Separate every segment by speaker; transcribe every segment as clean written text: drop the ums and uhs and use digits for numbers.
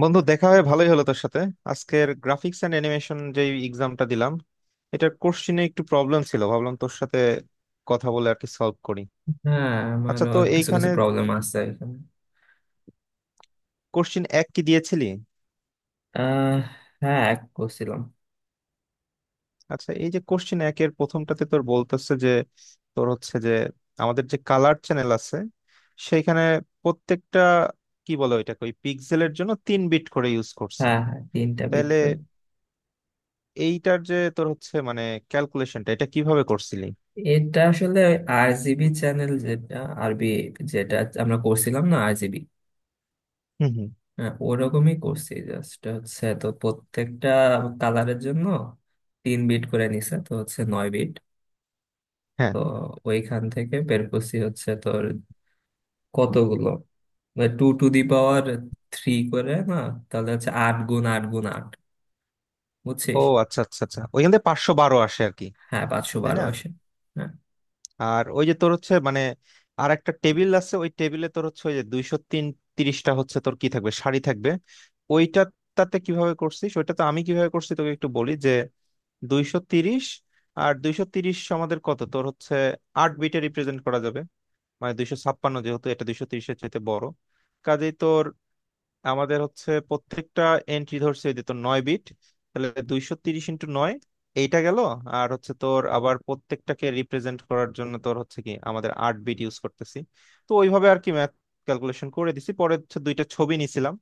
Speaker 1: বন্ধু দেখা হয়ে ভালোই হলো তোর সাথে। আজকের গ্রাফিক্স এন্ড অ্যানিমেশন যে এক্সামটা দিলাম, এটার কোশ্চিনে একটু প্রবলেম ছিল, ভাবলাম তোর সাথে কথা বলে আর কি সলভ করি।
Speaker 2: হ্যাঁ,
Speaker 1: আচ্ছা,
Speaker 2: আমারও
Speaker 1: তো
Speaker 2: কিছু
Speaker 1: এইখানে
Speaker 2: কিছু প্রবলেম আছে এখানে।
Speaker 1: কোশ্চিন এক কি দিয়েছিলি?
Speaker 2: আহ হ্যাঁ, এক করছিলাম।
Speaker 1: আচ্ছা, এই যে কোশ্চিন একের প্রথমটাতে তোর বলতেছে যে তোর হচ্ছে যে আমাদের যে কালার চ্যানেল আছে সেইখানে প্রত্যেকটা কি বলে ওইটাকে, ওই পিক্সেলের জন্য তিন বিট করে ইউজ করছে।
Speaker 2: হ্যাঁ হ্যাঁ, তিনটা বিট
Speaker 1: তাহলে
Speaker 2: করে।
Speaker 1: এইটার যে তোর হচ্ছে মানে ক্যালকুলেশনটা এটা কিভাবে করছিলি?
Speaker 2: এটা আসলে আরজিবি চ্যানেল, যেটা আরবি, যেটা আমরা করছিলাম না, আরজিবি।
Speaker 1: হুম।
Speaker 2: হ্যাঁ, ওরকমই করছি। জাস্ট হচ্ছে তো প্রত্যেকটা কালারের জন্য তিন বিট করে নিছে, তো হচ্ছে 9 বিট।
Speaker 1: হুম।
Speaker 2: তো ওইখান থেকে বের করছি হচ্ছে তোর কতগুলো, two to the power three করে না? তাহলে হচ্ছে আট গুণ আট গুণ আট।
Speaker 1: ও
Speaker 2: বুঝছিস?
Speaker 1: আচ্ছা আচ্ছা আচ্ছা, ওইখান থেকে পাঁচশো বারো আসে আর কি,
Speaker 2: হ্যাঁ, পাঁচশো
Speaker 1: তাই
Speaker 2: বারো
Speaker 1: না?
Speaker 2: আসে। হ্যাঁ।
Speaker 1: আর ওই যে তোর হচ্ছে মানে আর একটা টেবিল আছে, ওই টেবিলে তোর হচ্ছে ওই যে দুইশো তিন তিরিশটা হচ্ছে তোর কি থাকবে, শাড়ি থাকবে ওইটা, তাতে কিভাবে করছিস? ওইটা তো আমি কিভাবে করছি তোকে একটু বলি যে দুইশো তিরিশ আর দুইশো তিরিশ আমাদের কত তোর হচ্ছে আট বিটে রিপ্রেজেন্ট করা যাবে, মানে দুইশো ছাপ্পান্ন, যেহেতু এটা দুইশো তিরিশের চাইতে বড়, কাজেই তোর আমাদের হচ্ছে প্রত্যেকটা এন্ট্রি ধরছে ওই যে তোর নয় বিট। তাহলে দুইশো তিরিশ ইন্টু নয়, এইটা গেল। আর হচ্ছে তোর আবার প্রত্যেকটাকে রিপ্রেজেন্ট করার জন্য তোর হচ্ছে কি আমাদের আট বিট ইউজ করতেছি। তো ওইভাবে আর কি ম্যাথ ক্যালকুলেশন করে দিছি, পরে হচ্ছে দুইটা ছবি নিছিলাম,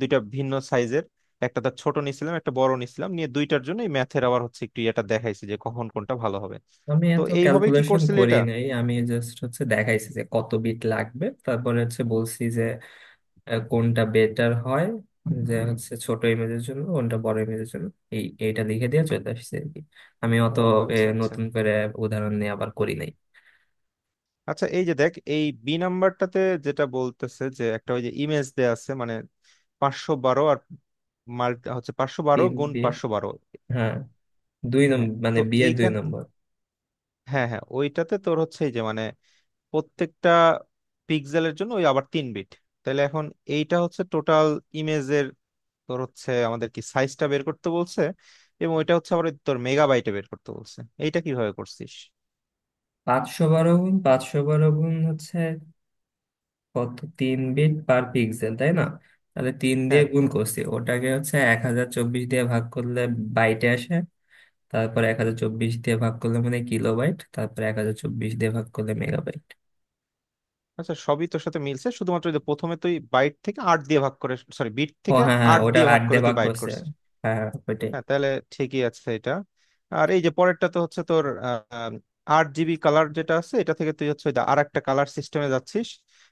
Speaker 1: দুইটা ভিন্ন সাইজের, একটা তার ছোট নিছিলাম একটা বড় নিছিলাম, নিয়ে দুইটার জন্য এই ম্যাথের আবার হচ্ছে একটু এটা দেখাইছি যে কখন কোনটা ভালো হবে।
Speaker 2: আমি
Speaker 1: তো
Speaker 2: এত
Speaker 1: এইভাবেই কি
Speaker 2: ক্যালকুলেশন
Speaker 1: করছিলি
Speaker 2: করি
Speaker 1: এটা?
Speaker 2: নাই, আমি জাস্ট হচ্ছে দেখাইছি যে কত বিট লাগবে, তারপরে হচ্ছে বলছি যে কোনটা বেটার হয়, যে হচ্ছে ছোট ইমেজের জন্য কোনটা, বড় ইমেজের জন্য। এইটা লিখে দিয়ে চলে আসছে আর কি। আমি অত
Speaker 1: ও আচ্ছা আচ্ছা।
Speaker 2: নতুন করে উদাহরণ নিয়ে আবার করি নাই।
Speaker 1: আচ্ছা এই যে দেখ, এই বি নাম্বারটাতে যেটা বলতেছে যে একটা ওই যে ইমেজ দেয়া আছে, মানে পাঁচশো বারো আর মাল্টি হচ্ছে পাঁচশো বারো
Speaker 2: তিন
Speaker 1: গুণ
Speaker 2: বিট।
Speaker 1: পাঁচশো বারো।
Speaker 2: হ্যাঁ। দুই
Speaker 1: হ্যাঁ,
Speaker 2: নম্বর মানে
Speaker 1: তো
Speaker 2: বিয়ের দুই
Speaker 1: এইখান,
Speaker 2: নম্বর।
Speaker 1: হ্যাঁ হ্যাঁ ওইটাতে তোর হচ্ছে এই যে মানে প্রত্যেকটা পিক্সেলের জন্য ওই আবার তিন বিট। তাহলে এখন এইটা হচ্ছে টোটাল ইমেজের, তোর হচ্ছে আমাদের কি সাইজটা বের করতে বলছে এবং ওইটা হচ্ছে আবার ওই তোর মেগাবাইটে বের করতে বলছে। এইটা কিভাবে করছিস?
Speaker 2: 512 গুণ 512 গুণ হচ্ছে কত, তিন বিট পার পিক্সেল, তাই না? তাহলে তিন দিয়ে
Speaker 1: হ্যাঁ।
Speaker 2: গুণ করছি ওটাকে, হচ্ছে 1024 দিয়ে ভাগ করলে বাইটে আসে। তারপর 1024 দিয়ে ভাগ করলে মানে কিলোবাইট, তারপর 1024 দিয়ে ভাগ করলে মেগাবাইট।
Speaker 1: আচ্ছা, সবই তোর সাথে মিলছে, শুধুমাত্র ওই যে প্রথমে তুই বাইট থেকে আট দিয়ে ভাগ করে, সরি, বিট
Speaker 2: ও
Speaker 1: থেকে
Speaker 2: হ্যাঁ হ্যাঁ,
Speaker 1: আট
Speaker 2: ওটা
Speaker 1: দিয়ে ভাগ
Speaker 2: আট
Speaker 1: করে
Speaker 2: দিয়ে
Speaker 1: তুই
Speaker 2: ভাগ
Speaker 1: বাইট
Speaker 2: করছে।
Speaker 1: করছিস।
Speaker 2: হ্যাঁ হ্যাঁ, ওইটাই।
Speaker 1: হ্যাঁ, তাহলে ঠিকই আছে এটা। আর এই যে পরেরটা তো হচ্ছে তোর আট জিবি কালার যেটা আছে এটা থেকে তুই হচ্ছে আর একটা কালার সিস্টেমে যাচ্ছিস,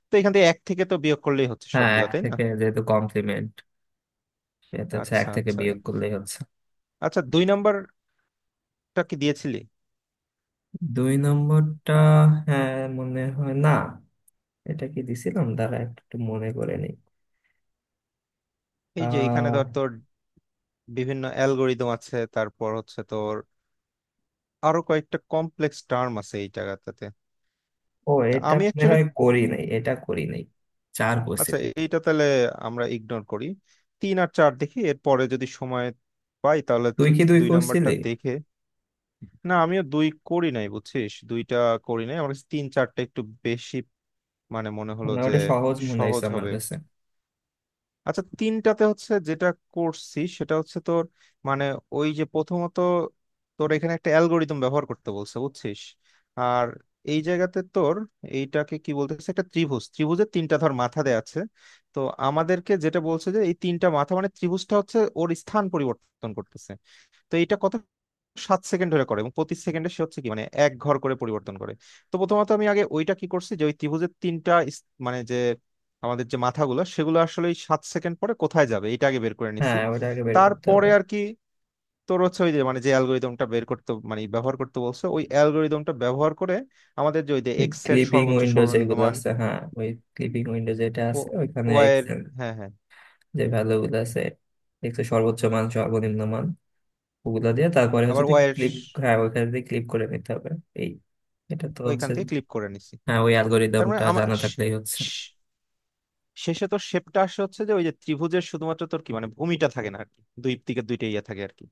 Speaker 1: তো এখান থেকে এক থেকে তো বিয়োগ করলেই হচ্ছে
Speaker 2: হ্যাঁ,
Speaker 1: সবগুলা,
Speaker 2: এক
Speaker 1: তাই না?
Speaker 2: থেকে যেহেতু কমপ্লিমেন্ট, সেহেতু হচ্ছে এক
Speaker 1: আচ্ছা
Speaker 2: থেকে
Speaker 1: আচ্ছা।
Speaker 2: বিয়োগ করলেই হচ্ছে।
Speaker 1: আচ্ছা, দুই নাম্বারটা কি দিয়েছিলি?
Speaker 2: দুই নম্বরটা, হ্যাঁ, মনে হয় না। এটা কি দিছিলাম, দাঁড়া একটু মনে করে নিই।
Speaker 1: এই যে এখানে ধর
Speaker 2: আহ
Speaker 1: তোর বিভিন্ন অ্যালগোরিদম আছে তারপর হচ্ছে তোর আরো কয়েকটা কমপ্লেক্স টার্ম আছে এই জায়গাটাতে।
Speaker 2: ও,
Speaker 1: তা
Speaker 2: এটা
Speaker 1: আমি
Speaker 2: মনে
Speaker 1: অ্যাকচুয়ালি,
Speaker 2: হয় করি নাই, এটা করি নাই। চার
Speaker 1: আচ্ছা
Speaker 2: কোর্সিল।
Speaker 1: এইটা তাহলে আমরা ইগনোর করি। তিন আর চার দেখি, এরপরে যদি সময় পাই তাহলে তো
Speaker 2: তুই কি দুই
Speaker 1: দুই নাম্বারটা
Speaker 2: কোর্সিলি?
Speaker 1: দেখে। না, আমিও দুই করি নাই বুঝছিস, দুইটা করি নাই, আমার কাছে তিন চারটা একটু বেশি মানে মনে হলো
Speaker 2: মানে
Speaker 1: যে
Speaker 2: ওটা সহজ মনে হয়েছে
Speaker 1: সহজ
Speaker 2: আমার
Speaker 1: হবে।
Speaker 2: কাছে।
Speaker 1: আচ্ছা, তিনটাতে হচ্ছে যেটা করছি সেটা হচ্ছে তোর মানে ওই যে প্রথমত তোর এখানে একটা অ্যালগোরিদম ব্যবহার করতে বলছে বুঝছিস। আর এই জায়গাতে তোর এইটাকে কি বলতেছে, একটা ত্রিভুজ, ত্রিভুজের তিনটা ধর মাথা দেয়া আছে। তো আমাদেরকে যেটা বলছে যে এই তিনটা মাথা মানে ত্রিভুজটা হচ্ছে ওর স্থান পরিবর্তন করতেছে। তো এইটা কত সাত সেকেন্ড ধরে করে এবং প্রতি সেকেন্ডে সে হচ্ছে কি মানে এক ঘর করে পরিবর্তন করে। তো প্রথমত আমি আগে ওইটা কি করছি যে ওই ত্রিভুজের তিনটা মানে যে আমাদের যে মাথাগুলো সেগুলো আসলে ওই সাত সেকেন্ড পরে কোথায় যাবে এটা আগে বের করে নিছি।
Speaker 2: হ্যাঁ, ওটা আগে বের করতে
Speaker 1: তারপরে
Speaker 2: হবে।
Speaker 1: আর কি তোর হচ্ছে ওই যে মানে যে অ্যালগোরিদমটা বের করতে মানে ব্যবহার করতে বলছো ওই অ্যালগোরিদমটা ব্যবহার করে আমাদের যে ওই যে
Speaker 2: এই
Speaker 1: এক্স এর
Speaker 2: ক্লিপিং
Speaker 1: সর্বোচ্চ
Speaker 2: উইন্ডোজ
Speaker 1: সর্বনিম্ন
Speaker 2: যেগুলো
Speaker 1: মান,
Speaker 2: আছে, হ্যাঁ ওই ক্লিপিং উইন্ডো যেটা
Speaker 1: ও
Speaker 2: আছে ওইখানে
Speaker 1: ওয়াই এর,
Speaker 2: এক্সেল,
Speaker 1: হ্যাঁ হ্যাঁ,
Speaker 2: যে ভ্যালু গুলো আছে, দেখছো সর্বোচ্চ মান সর্বনিম্ন মান, ওগুলো দিয়ে তারপরে হচ্ছে
Speaker 1: আবার ওয়াই এর
Speaker 2: ক্লিপ। হ্যাঁ, ওইখান দিয়ে ক্লিপ করে নিতে হবে। এই, এটা তো
Speaker 1: ওইখান
Speaker 2: হচ্ছে,
Speaker 1: থেকে ক্লিক করে নিছি।
Speaker 2: হ্যাঁ ওই
Speaker 1: তার মানে
Speaker 2: অ্যালগোরিদমটা
Speaker 1: আমার
Speaker 2: জানা থাকলেই হচ্ছে।
Speaker 1: শেষে তো শেপটা আসে হচ্ছে যে ওই যে ত্রিভুজের শুধুমাত্র তোর কি মানে ভূমিটা থাকে না আর কি, দুই দিকে দুইটা ইয়ে থাকে আর কি,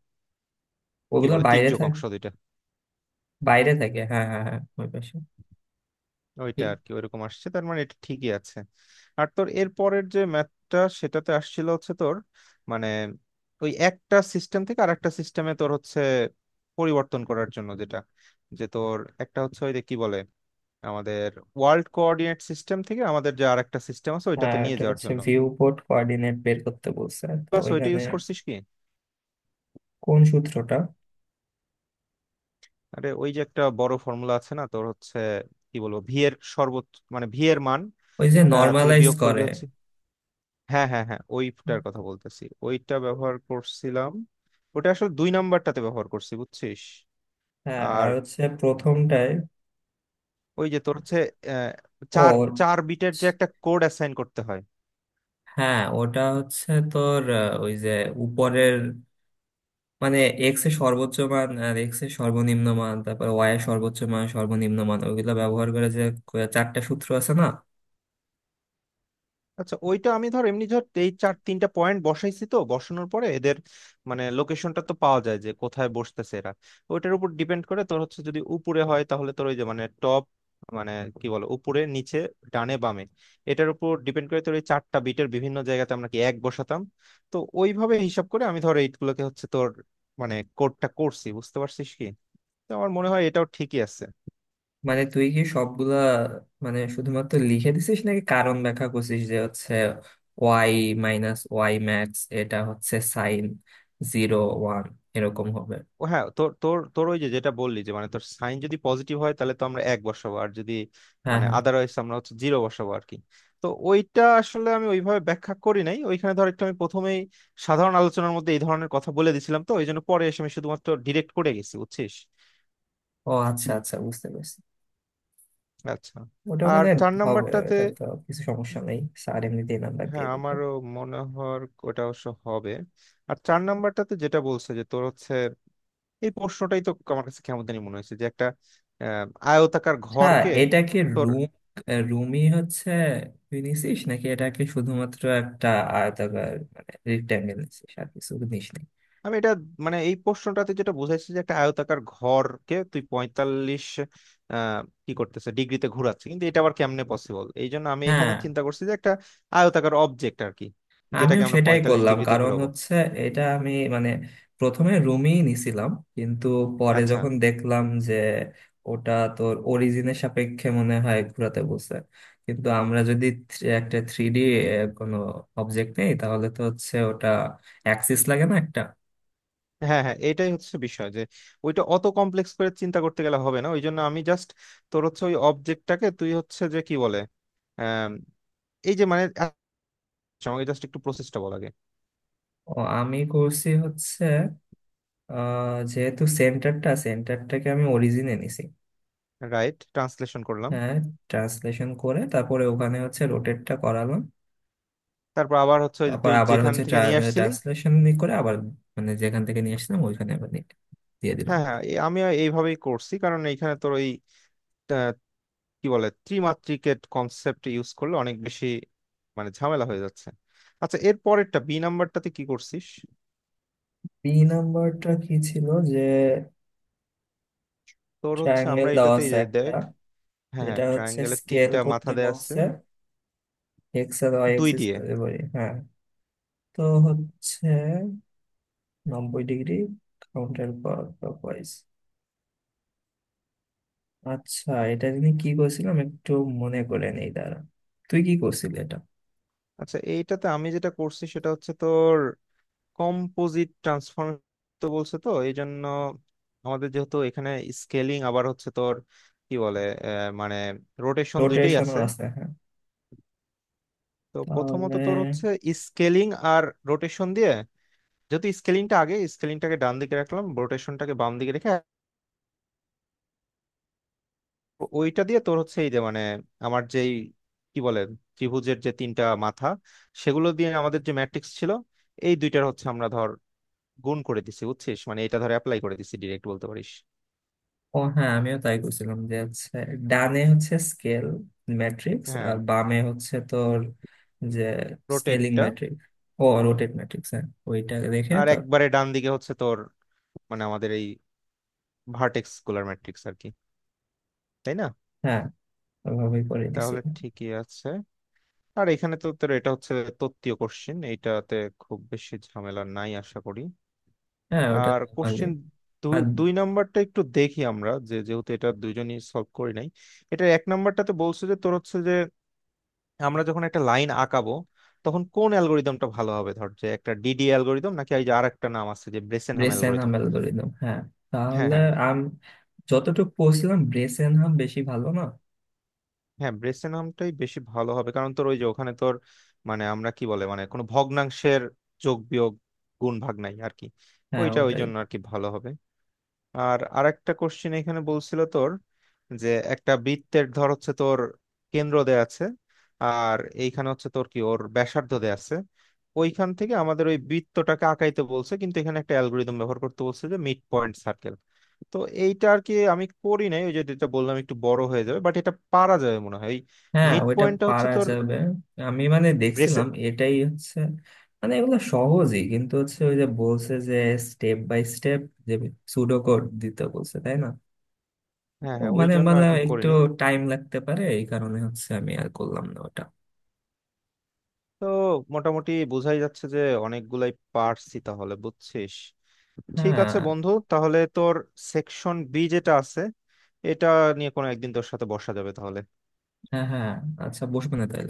Speaker 1: কি
Speaker 2: ওগুলো
Speaker 1: বলে
Speaker 2: বাইরে
Speaker 1: তির্যক
Speaker 2: থাক,
Speaker 1: অংশ দুইটা।
Speaker 2: বাইরে থাকে হ্যাঁ হ্যাঁ হ্যাঁ ওই পাশে।
Speaker 1: ওইটা আর কি ওইরকম আসছে, তার মানে এটা ঠিকই আছে। আর তোর এর পরের যে ম্যাথটা সেটাতে আসছিল হচ্ছে তোর মানে ওই একটা সিস্টেম থেকে আর একটা সিস্টেমে তোর হচ্ছে পরিবর্তন করার জন্য যেটা, যে তোর একটা হচ্ছে ওই যে কি বলে আমাদের ওয়ার্ল্ড কোঅর্ডিনেট সিস্টেম থেকে আমাদের যে আর একটা সিস্টেম আছে ওইটাতে
Speaker 2: হ্যাঁ,
Speaker 1: নিয়ে
Speaker 2: এটা
Speaker 1: যাওয়ার
Speaker 2: হচ্ছে
Speaker 1: জন্য।
Speaker 2: ভিউ পোর্ট কোঅর্ডিনেট বের করতে বলছে, তো
Speaker 1: বাস ওইটা
Speaker 2: ওইখানে
Speaker 1: ইউজ করছিস কি?
Speaker 2: কোন সূত্রটা?
Speaker 1: আরে ওই যে একটা বড় ফর্মুলা আছে না তোর হচ্ছে কি বলবো ভি এর সর্বোচ্চ মানে ভি এর মান
Speaker 2: ওই যে
Speaker 1: থেকে
Speaker 2: নর্মালাইজ
Speaker 1: বিয়োগ করবি
Speaker 2: করে।
Speaker 1: হচ্ছে। হ্যাঁ হ্যাঁ হ্যাঁ, ওইটার কথা বলতেছি, ওইটা ব্যবহার করছিলাম। ওটা আসলে দুই নাম্বারটাতে ব্যবহার করছি বুঝছিস।
Speaker 2: হ্যাঁ,
Speaker 1: আর
Speaker 2: আর হচ্ছে প্রথমটায়।
Speaker 1: ওই যে তোর হচ্ছে আহ, চার
Speaker 2: ও
Speaker 1: চার বিটের যে একটা কোড অ্যাসাইন করতে হয়।
Speaker 2: হ্যাঁ, ওটা হচ্ছে তোর ওই যে উপরের, মানে এক্স এর সর্বোচ্চ মান আর এক্স এর সর্বনিম্ন মান, তারপর ওয়াই এর সর্বোচ্চ মান সর্বনিম্ন মান, ওইগুলো ব্যবহার করে যে চারটা সূত্র আছে না।
Speaker 1: আচ্ছা, ওইটা আমি ধর এমনি ধর এই চার তিনটা পয়েন্ট বসাইছি, তো বসানোর পরে এদের মানে লোকেশনটা তো পাওয়া যায় যে কোথায় বসতেছে এরা। ওইটার উপর ডিপেন্ড করে তোর হচ্ছে যদি উপরে হয় তাহলে তোর ওই যে মানে টপ মানে কি বলো উপরে নিচে ডানে বামে, এটার উপর ডিপেন্ড করে তোর এই চারটা বিটের বিভিন্ন জায়গাতে আমরা কি এক বসাতাম। তো ওইভাবে হিসাব করে আমি ধর এইগুলোকে হচ্ছে তোর মানে কোডটা করছি, বুঝতে পারছিস কি? তো আমার মনে হয় এটাও ঠিকই আছে।
Speaker 2: মানে তুই কি সবগুলা, মানে শুধুমাত্র লিখে দিছিস নাকি কারণ ব্যাখ্যা করছিস যে হচ্ছে ওয়াই মাইনাস ওয়াই ম্যাক্স, এটা হচ্ছে সাইন জিরো ওয়ান, এরকম হবে।
Speaker 1: ও হ্যাঁ, তোর তোর তোর ওই যে যেটা বললি যে মানে তোর সাইন যদি পজিটিভ হয় তাহলে তো আমরা এক বসাবো, আর যদি
Speaker 2: হ্যাঁ
Speaker 1: মানে
Speaker 2: হ্যাঁ।
Speaker 1: আদারওয়াইজ আমরা হচ্ছে জিরো বসাবো আর কি। তো ওইটা আসলে আমি ওইভাবে ব্যাখ্যা করি নাই, ওইখানে ধর একটু আমি প্রথমেই সাধারণ আলোচনার মধ্যে এই ধরনের কথা বলে দিছিলাম, তো ওই জন্য পরে এসে আমি শুধুমাত্র ডিরেক্ট করে গেছি বুঝছিস।
Speaker 2: ও আচ্ছা আচ্ছা, বুঝতে পারছি।
Speaker 1: আচ্ছা
Speaker 2: ওটা
Speaker 1: আর
Speaker 2: মনে হয়
Speaker 1: চার
Speaker 2: হবে,
Speaker 1: নাম্বারটাতে,
Speaker 2: এটা তো কিছু সমস্যা নেই, স্যার এমনিতেই নাম্বার
Speaker 1: হ্যাঁ
Speaker 2: দিয়ে দিবে।
Speaker 1: আমারও মনে হয় ওটা অবশ্য হবে। আর চার নাম্বারটাতে যেটা বলছে যে তোর হচ্ছে এই প্রশ্নটাই তো আমার কাছে কেমন জানি মনে হয়েছে যে একটা আহ, আয়তাকার
Speaker 2: হ্যাঁ,
Speaker 1: ঘরকে
Speaker 2: এটা কি
Speaker 1: তোর,
Speaker 2: রুম? রুমই হচ্ছে। তুই নিছিস নাকি এটা কি, শুধুমাত্র একটা আয়তাকার মানে রেক্ট্যাঙ্গেল নিছিস আর কিছু নিস নাই?
Speaker 1: আমি এটা মানে এই প্রশ্নটাতে যেটা বুঝাইছে যে একটা আয়তাকার ঘরকে তুই পঁয়তাল্লিশ আহ কি করতেছে, ডিগ্রিতে ঘোরাচ্ছে, কিন্তু এটা আবার কেমনে পসিবল, এই জন্য আমি
Speaker 2: হ্যাঁ,
Speaker 1: এখানে চিন্তা করছি যে একটা আয়তাকার অবজেক্ট আর কি যেটাকে
Speaker 2: আমিও
Speaker 1: আমরা
Speaker 2: সেটাই
Speaker 1: পঁয়তাল্লিশ
Speaker 2: করলাম।
Speaker 1: ডিগ্রিতে
Speaker 2: কারণ
Speaker 1: ঘোরাবো।
Speaker 2: হচ্ছে এটা আমি মানে প্রথমে রুমই নিছিলাম, কিন্তু পরে
Speaker 1: আচ্ছা।
Speaker 2: যখন দেখলাম যে ওটা তোর অরিজিনের সাপেক্ষে মনে হয় ঘুরাতে বলছে, কিন্তু আমরা যদি একটা থ্রি ডি কোনো অবজেক্ট নেই, তাহলে তো হচ্ছে ওটা অ্যাক্সিস লাগে না একটা।
Speaker 1: হ্যাঁ হ্যাঁ, এটাই হচ্ছে বিষয় যে ওইটা অত কমপ্লেক্স করে চিন্তা করতে গেলে হবে না, ওই জন্য আমি জাস্ট তোর হচ্ছে ওই অবজেক্টটাকে তুই হচ্ছে যে কি বলে আহ এই যে মানে, আচ্ছা, আমাকে জাস্ট একটু প্রসেসটা বল আগে।
Speaker 2: ও আমি করছি হচ্ছে যেহেতু সেন্টারটাকে আমি অরিজিনে নিছি।
Speaker 1: রাইট, ট্রান্সলেশন করলাম।
Speaker 2: হ্যাঁ, ট্রান্সলেশন করে তারপরে ওখানে হচ্ছে রোটেটটা করালাম।
Speaker 1: তারপর আবার হচ্ছে ওই যে
Speaker 2: তারপর
Speaker 1: তুই
Speaker 2: আবার
Speaker 1: যেখান
Speaker 2: হচ্ছে
Speaker 1: থেকে নিয়ে আসছিলি।
Speaker 2: ট্রান্সলেশন করে আবার, মানে যেখান থেকে নিয়ে আসলাম ওইখানে আবার নিয়ে দিয়ে দিলাম।
Speaker 1: হ্যাঁ হ্যাঁ, আমি এইভাবেই করছি কারণ এইখানে তোর ওই আহ, কি বলে ত্রিমাত্রিকের কনসেপ্ট ইউজ করলে অনেক বেশি মানে ঝামেলা হয়ে যাচ্ছে। আচ্ছা, এর পরেরটা বি নাম্বারটাতে কি করছিস?
Speaker 2: তিন নাম্বারটা কি ছিল যে?
Speaker 1: তোর হচ্ছে
Speaker 2: ট্রায়াঙ্গেল
Speaker 1: আমরা
Speaker 2: দেওয়া
Speaker 1: এটাতে এই
Speaker 2: আছে
Speaker 1: যে
Speaker 2: একটা।
Speaker 1: দেখ, হ্যাঁ হ্যাঁ,
Speaker 2: যেটা হচ্ছে
Speaker 1: ট্রায়াঙ্গেলের
Speaker 2: স্কেল
Speaker 1: তিনটা মাথা
Speaker 2: করতে
Speaker 1: দেয়া আছে,
Speaker 2: বলছে এক্স আর ওয়াই
Speaker 1: দুই
Speaker 2: এক্সিস,
Speaker 1: দিয়ে।
Speaker 2: বলি হ্যাঁ। তো হচ্ছে 90 ডিগ্রি কাউন্টার ক্লকওয়াইজ। আচ্ছা এটা তিনি কি করছিলাম একটু মনে করে নেই দাঁড়া। তুই কি করছিলি এটা?
Speaker 1: আচ্ছা, এইটাতে আমি যেটা করছি সেটা হচ্ছে তোর কম্পোজিট ট্রান্সফর্ম, তো বলছে, তো এই জন্য আমাদের যেহেতু এখানে স্কেলিং আবার হচ্ছে তোর কি বলে মানে রোটেশন দুইটাই
Speaker 2: রোটেশনও
Speaker 1: আছে।
Speaker 2: আছে, হ্যাঁ।
Speaker 1: তো প্রথমত
Speaker 2: তাহলে
Speaker 1: তোর হচ্ছে স্কেলিং আর রোটেশন দিয়ে, যেহেতু স্কেলিংটা আগে, স্কেলিংটাকে ডান দিকে রাখলাম রোটেশনটাকে বাম দিকে রেখে, ওইটা দিয়ে তোর হচ্ছে এই যে মানে আমার যেই কি বলে ত্রিভুজের যে তিনটা মাথা সেগুলো দিয়ে আমাদের যে ম্যাট্রিক্স ছিল, এই দুইটার হচ্ছে আমরা ধর গুণ করে দিছি বুঝছিস, মানে এটা ধর অ্যাপ্লাই করে দিছি, ডিরেক্ট বলতে পারিস।
Speaker 2: ও হ্যাঁ, আমিও তাই করছিলাম, যে হচ্ছে ডানে হচ্ছে স্কেল ম্যাট্রিক্স
Speaker 1: হ্যাঁ,
Speaker 2: আর বামে হচ্ছে তোর যে স্কেলিং
Speaker 1: রোটেটটা,
Speaker 2: ম্যাট্রিক্স ও রোটেট ম্যাট্রিক্স। হ্যাঁ, ওইটা দেখে
Speaker 1: আর
Speaker 2: তার।
Speaker 1: একবারে ডান দিকে হচ্ছে তোর মানে আমাদের এই ভার্টেক্স স্কুলার ম্যাট্রিক্স আর কি, তাই না?
Speaker 2: হ্যাঁ, ওইভাবেই করে দিছি।
Speaker 1: তাহলে ঠিকই আছে। আর এখানে তো তোর এটা হচ্ছে তত্ত্বীয় কোশ্চেন, এইটাতে খুব বেশি ঝামেলা নাই আশা করি।
Speaker 2: হ্যাঁ, ওইটা
Speaker 1: আর
Speaker 2: নর্মালি।
Speaker 1: কোশ্চেন দুই
Speaker 2: আর
Speaker 1: দুই নাম্বারটা একটু দেখি, আমরা যে যেহেতু এটা দুইজনই সলভ করি নাই। এটা এক নাম্বারটাতে বলছে যে তোর হচ্ছে যে আমরা যখন একটা লাইন আঁকাবো তখন কোন অ্যালগোরিদমটা ভালো হবে, ধর যে একটা ডিডি অ্যালগোরিদম নাকি এই যে আর একটা নাম আছে যে Bresenham
Speaker 2: Bresenham
Speaker 1: algorithm.
Speaker 2: Algorithm, হ্যাঁ
Speaker 1: হ্যাঁ
Speaker 2: তাহলে
Speaker 1: হ্যাঁ,
Speaker 2: আম যতটুকু পড়ছিলাম ব্রেস এনহাম বেশি ভালো না।
Speaker 1: হ্যাঁ ব্রেসেনহামটাই বেশি ভালো হবে কারণ তোর ওই যে ওখানে তোর মানে আমরা কি বলে মানে কোনো ভগ্নাংশের যোগ বিয়োগ গুণ ভাগ নাই আর কি।
Speaker 2: হ্যাঁ,
Speaker 1: ওইটা ওই
Speaker 2: ওটাই।
Speaker 1: জন্য আর কি ভালো হবে। আর আরেকটা কোশ্চেন এখানে বলছিল তোর যে একটা বৃত্তের ধর হচ্ছে তোর কেন্দ্র দেয়া আছে আর এইখানে হচ্ছে তোর কি ওর ব্যাসার্ধ দেয়া আছে, ওইখান থেকে আমাদের ওই বৃত্তটাকে আঁকাইতে বলছে, কিন্তু এখানে একটা অ্যালগোরিদম ব্যবহার করতে বলছে যে মিড পয়েন্ট সার্কেল। তো এইটা আর কি আমি করি নাই, ওই যে যেটা বললাম একটু বড় হয়ে যাবে, বাট এটা পারা যাবে মনে হয়।
Speaker 2: হ্যাঁ,
Speaker 1: মিড
Speaker 2: ওইটা
Speaker 1: পয়েন্টটা হচ্ছে
Speaker 2: পারা
Speaker 1: তোর
Speaker 2: যাবে। আমি মানে
Speaker 1: ব্রেসে
Speaker 2: দেখছিলাম এটাই হচ্ছে, মানে এগুলো সহজই কিন্তু হচ্ছে ওই যে বলছে যে স্টেপ বাই স্টেপ, যে সুডো কোড দিতে বলছে তাই না।
Speaker 1: হ্যাঁ
Speaker 2: ও
Speaker 1: হ্যাঁ, ওই
Speaker 2: মানে
Speaker 1: জন্য আর
Speaker 2: মানে
Speaker 1: কি করি
Speaker 2: একটু
Speaker 1: নাই।
Speaker 2: টাইম লাগতে পারে, এই কারণে হচ্ছে আমি আর করলাম না ওটা।
Speaker 1: তো মোটামুটি বোঝাই যাচ্ছে যে অনেকগুলাই পারছি তাহলে, বুঝছিস? ঠিক আছে
Speaker 2: হ্যাঁ
Speaker 1: বন্ধু, তাহলে তোর সেকশন বি যেটা আছে এটা নিয়ে কোনো একদিন তোর সাথে বসা যাবে তাহলে।
Speaker 2: হ্যাঁ হ্যাঁ। আচ্ছা বসবে না তাই।